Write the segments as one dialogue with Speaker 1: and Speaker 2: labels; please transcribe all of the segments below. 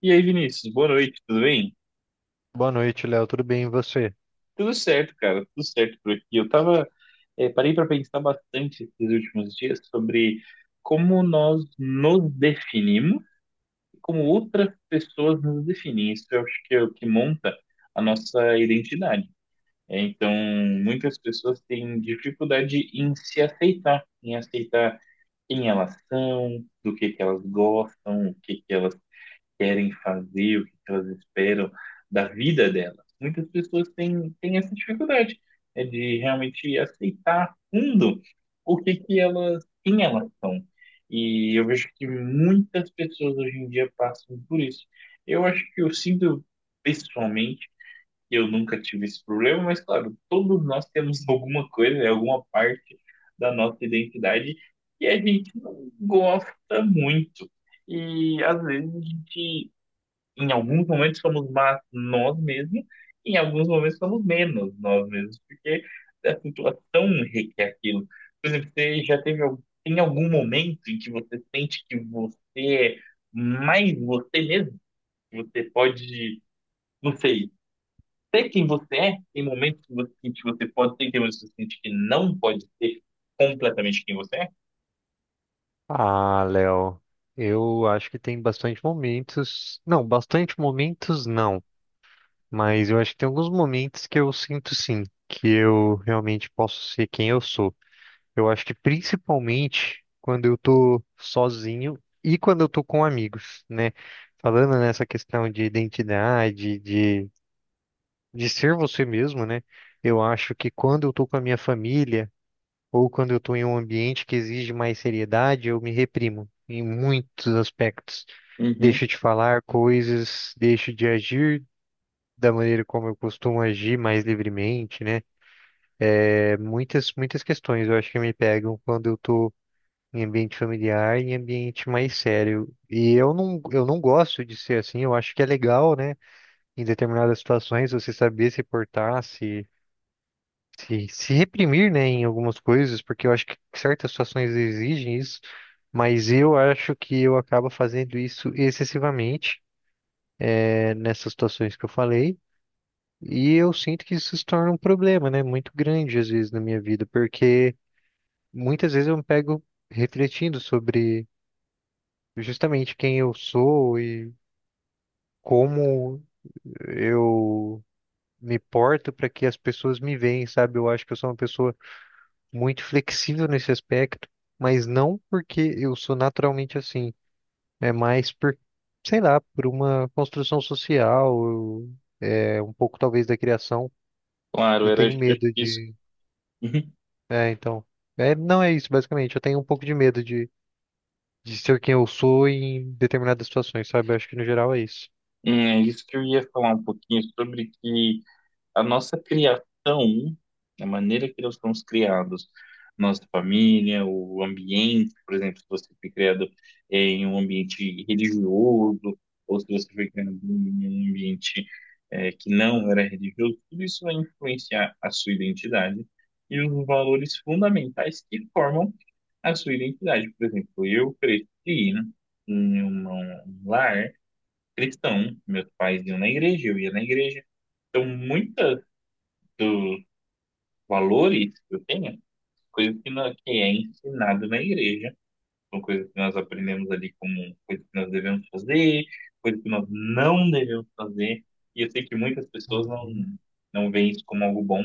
Speaker 1: E aí, Vinícius, boa noite, tudo bem?
Speaker 2: Boa noite, Léo. Tudo bem, e você?
Speaker 1: Tudo certo, cara, tudo certo por aqui. Eu tava, parei para pensar bastante esses últimos dias sobre como nós nos definimos, e como outras pessoas nos definem. Isso eu acho que é o que monta a nossa identidade. Então, muitas pessoas têm dificuldade em se aceitar, em aceitar quem elas são, do que elas gostam, o que que elas querem fazer, o que elas esperam da vida delas. Muitas pessoas têm essa dificuldade, de realmente aceitar a fundo o que que elas, quem elas são. E eu vejo que muitas pessoas hoje em dia passam por isso. Eu acho que eu sinto pessoalmente que eu nunca tive esse problema, mas claro, todos nós temos alguma coisa, né, alguma parte da nossa identidade que a gente não gosta muito. E às vezes a gente em alguns momentos somos mais nós mesmos, e em alguns momentos somos menos nós mesmos, porque a situação requer aquilo. Por exemplo, você já teve algum, tem algum momento em que você sente que você é mais você mesmo? Que você pode, não sei, ser quem você é? Tem momentos que você sente que você pode ser, tem momentos que você sente que não pode ser completamente quem você é?
Speaker 2: Ah, Léo, eu acho que tem bastante momentos. Não, bastante momentos não, mas eu acho que tem alguns momentos que eu sinto sim, que eu realmente posso ser quem eu sou. Eu acho que principalmente quando eu tô sozinho e quando eu tô com amigos, né? Falando nessa questão de identidade, de ser você mesmo, né? Eu acho que quando eu tô com a minha família ou quando eu estou em um ambiente que exige mais seriedade, eu me reprimo em muitos aspectos.
Speaker 1: Uhum,
Speaker 2: Deixo de falar coisas, deixo de agir da maneira como eu costumo agir mais livremente, né? Muitas questões eu acho que me pegam quando eu estou em ambiente familiar, em ambiente mais sério. Eu não gosto de ser assim, eu acho que é legal, né? Em determinadas situações, você saber se portar, se reprimir, né, em algumas coisas, porque eu acho que certas situações exigem isso, mas eu acho que eu acabo fazendo isso excessivamente, nessas situações que eu falei, e eu sinto que isso se torna um problema, né, muito grande às vezes na minha vida, porque muitas vezes eu me pego refletindo sobre justamente quem eu sou e como eu me porto para que as pessoas me veem, sabe? Eu acho que eu sou uma pessoa muito flexível nesse aspecto, mas não porque eu sou naturalmente assim. É mais por, sei lá, por uma construção social, é um pouco talvez da criação.
Speaker 1: claro,
Speaker 2: Eu
Speaker 1: era
Speaker 2: tenho
Speaker 1: acho que
Speaker 2: medo
Speaker 1: isso.
Speaker 2: de.
Speaker 1: Uhum.
Speaker 2: É, então. É, não é isso, basicamente. Eu tenho um pouco de medo de ser quem eu sou em determinadas situações, sabe? Eu acho que no geral é isso.
Speaker 1: É isso que eu ia falar um pouquinho sobre que. A nossa criação, a maneira que nós somos criados, nossa família, o ambiente, por exemplo, se você foi criado em um ambiente religioso, ou se você foi criado em um ambiente que não era religioso, tudo isso vai influenciar a sua identidade e os valores fundamentais que formam a sua identidade. Por exemplo, eu cresci em um lar cristão, meus pais iam na igreja, eu ia na igreja. Então, muitas dos valores que eu tenho, coisas que, não, que é ensinado na igreja, são coisas que nós aprendemos ali como coisas que nós devemos fazer, coisas que nós não devemos fazer, e eu sei que muitas pessoas
Speaker 2: Uhum.
Speaker 1: não veem isso como algo bom,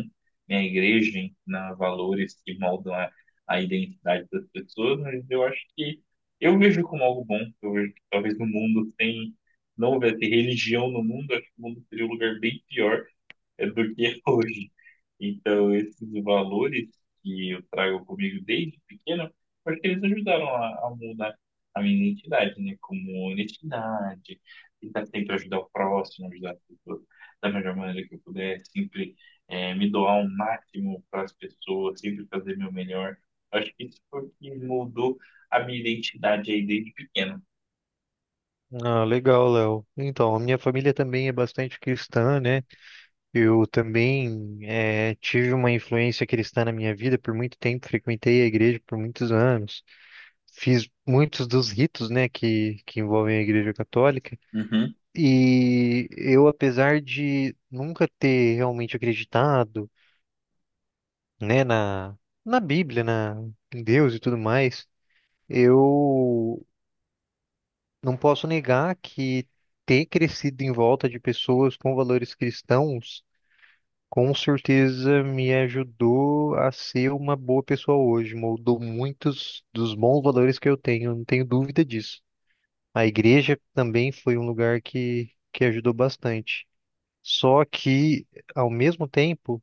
Speaker 1: né? A igreja ensina valores que moldam a identidade das pessoas, mas eu acho que eu vejo como algo bom, eu vejo que talvez no mundo sem, não houvesse religião no mundo, acho que o mundo seria um lugar bem pior, é do que é hoje. Então, esses valores que eu trago comigo desde pequeno, eu acho que eles ajudaram a mudar a minha identidade, né? Como honestidade, tentar sempre ajudar o próximo, ajudar as pessoas da melhor maneira que eu puder, sempre me doar o máximo para as pessoas, sempre fazer meu melhor. Acho que isso foi o que mudou a minha identidade aí desde pequeno.
Speaker 2: Ah, legal, Léo. Então, a minha família também é bastante cristã, né? Eu também tive uma influência cristã na minha vida por muito tempo, frequentei a igreja por muitos anos, fiz muitos dos ritos, né, que envolvem a igreja católica.
Speaker 1: Uhum,
Speaker 2: E eu, apesar de nunca ter realmente acreditado, né, na Bíblia, em Deus e tudo mais, eu não posso negar que ter crescido em volta de pessoas com valores cristãos, com certeza me ajudou a ser uma boa pessoa hoje, moldou muitos dos bons valores que eu tenho, não tenho dúvida disso. A igreja também foi um lugar que ajudou bastante. Só que, ao mesmo tempo,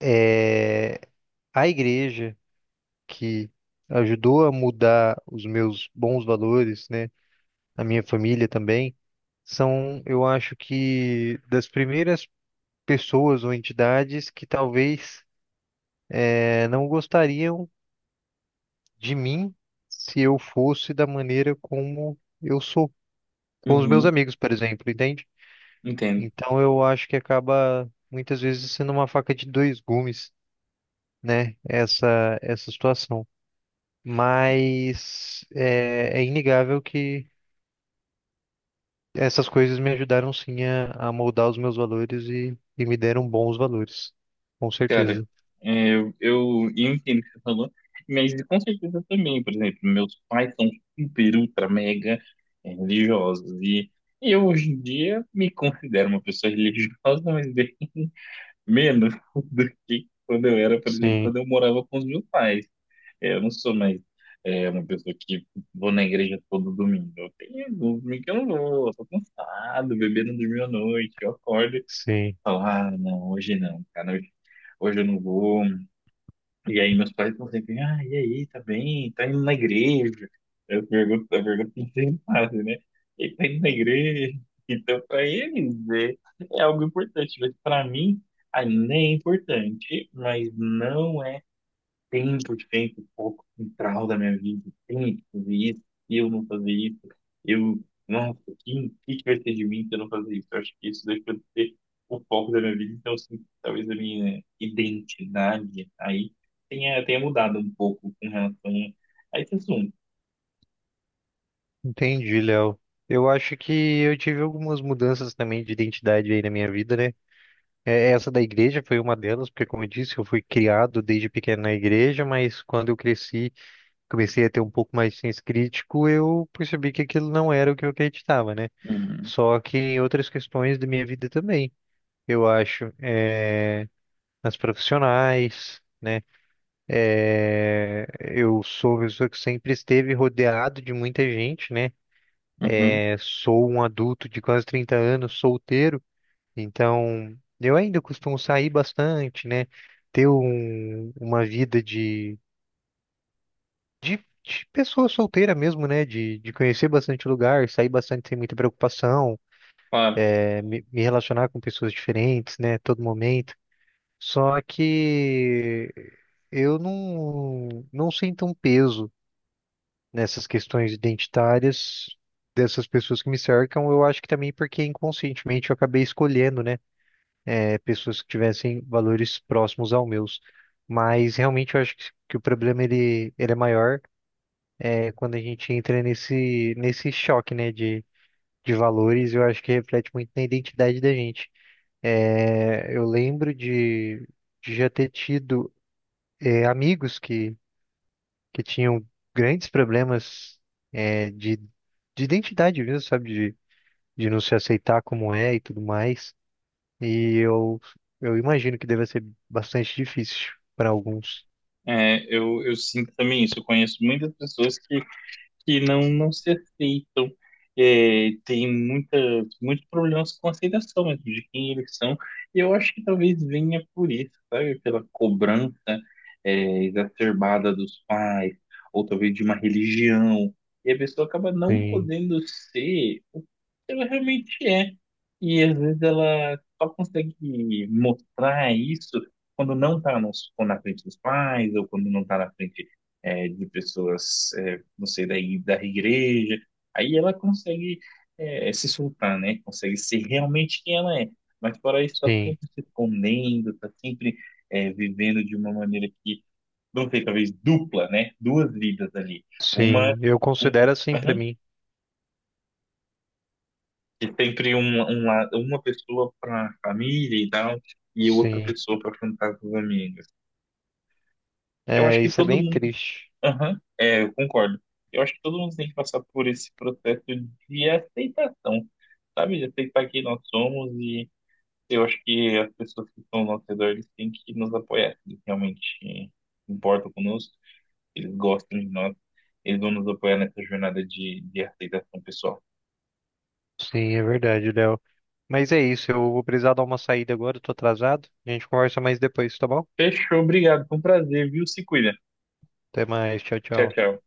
Speaker 2: é, a igreja que ajudou a mudar os meus bons valores, né, a minha família também, são, eu acho que, das primeiras pessoas ou entidades que talvez não gostariam de mim se eu fosse da maneira como eu sou com os meus
Speaker 1: uhum,
Speaker 2: amigos, por exemplo, entende?
Speaker 1: entendo.
Speaker 2: Então eu acho que acaba muitas vezes sendo uma faca de dois gumes, né? Essa situação. Mas é inegável que essas coisas me ajudaram sim a moldar os meus valores e me deram bons valores, com
Speaker 1: Cara,
Speaker 2: certeza.
Speaker 1: eu entendo o que você falou, mas com certeza também, por exemplo, meus pais são super, ultra, mega religiosos, e eu hoje em dia me considero uma pessoa religiosa, mas bem menos do que quando eu era, por exemplo,
Speaker 2: Sim,
Speaker 1: quando eu morava com os meus pais. É, eu não sou mais uma pessoa que vou na igreja todo domingo, eu tenho domingo que eu não vou, eu tô cansado, o bebê não dormiu à noite, eu acordo e
Speaker 2: sim.
Speaker 1: falo, ah, não, hoje não, cara, hoje eu não vou, e aí meus pais estão sempre, ah, e aí, tá bem? Tá indo na igreja? Eu pergunto, não tem nada, né? Ele tá indo na igreja. Então, para eles, é algo importante, mas para mim, ainda é importante, mas não é tempo de tempo, o foco central da minha vida, tem que fazer isso, e eu não fazer isso, eu, nossa, o que, que vai ser de mim se eu não fazer isso? Eu acho que isso deixa de ser o foco da minha vida, então, assim, talvez a minha identidade aí tenha mudado um pouco com relação a esse assunto.
Speaker 2: Entendi, Léo. Eu acho que eu tive algumas mudanças também de identidade aí na minha vida, né? É, essa da igreja foi uma delas, porque, como eu disse, eu fui criado desde pequeno na igreja, mas quando eu cresci, comecei a ter um pouco mais de senso crítico, eu percebi que aquilo não era o que eu acreditava, né?
Speaker 1: Uhum,
Speaker 2: Só que em outras questões da minha vida também, eu acho, é, nas profissionais, né? É, eu sou uma pessoa que sempre esteve rodeado de muita gente, né?
Speaker 1: uhum,
Speaker 2: É, sou um adulto de quase 30 anos, solteiro. Então, eu ainda costumo sair bastante, né? Ter uma vida de, de pessoa solteira mesmo, né? De conhecer bastante lugar, sair bastante sem muita preocupação,
Speaker 1: claro.
Speaker 2: me relacionar com pessoas diferentes, né? Todo momento. Só que eu não sinto um peso nessas questões identitárias dessas pessoas que me cercam. Eu acho que também porque inconscientemente eu acabei escolhendo, né, pessoas que tivessem valores próximos aos meus. Mas realmente eu acho que o problema ele é maior é quando a gente entra nesse choque, né, de valores, eu acho que reflete muito na identidade da gente. É, eu lembro de já ter tido amigos que tinham grandes problemas de identidade mesmo, sabe, de não se aceitar como é e tudo mais. E eu, eu imagino que deve ser bastante difícil para alguns.
Speaker 1: É, eu sinto também isso. Eu conheço muitas pessoas que não, não se aceitam. É, tem muitas, muitos problemas com aceitação mesmo de quem eles são. E eu acho que talvez venha por isso, sabe? Pela cobrança, exacerbada dos pais, ou talvez de uma religião. E a pessoa acaba não
Speaker 2: Sim,
Speaker 1: podendo ser o que ela realmente é. E às vezes ela só consegue mostrar isso quando não está na frente dos pais, ou quando não está na frente de pessoas não sei, da, da igreja. Aí ela consegue se soltar, né? Consegue ser realmente quem ela é. Mas fora isso, está
Speaker 2: sim,
Speaker 1: sempre se escondendo, tá sempre vivendo de uma maneira que, não sei, talvez dupla, né? Duas vidas ali. Uma,
Speaker 2: sim. Eu
Speaker 1: uma,
Speaker 2: considero assim para
Speaker 1: aham.
Speaker 2: mim.
Speaker 1: E sempre uma pessoa para família e tal, e outra
Speaker 2: Sim.
Speaker 1: pessoa para afrontar com os amigos. Eu acho
Speaker 2: É,
Speaker 1: que
Speaker 2: isso é
Speaker 1: todo
Speaker 2: bem
Speaker 1: mundo.
Speaker 2: triste.
Speaker 1: Aham, é, eu concordo. Eu acho que todo mundo tem que passar por esse processo de aceitação. Sabe, já sei para quem nós somos e eu acho que as pessoas que estão ao nosso redor, eles têm que nos apoiar, eles realmente importam conosco, eles gostam de nós, eles vão nos apoiar nessa jornada de aceitação pessoal.
Speaker 2: Sim, é verdade, Léo. Mas é isso, eu vou precisar dar uma saída agora, eu tô atrasado. A gente conversa mais depois, tá bom?
Speaker 1: Fechou, obrigado, foi um prazer, viu? Se cuida.
Speaker 2: Até mais, tchau,
Speaker 1: Tchau,
Speaker 2: tchau.
Speaker 1: tchau.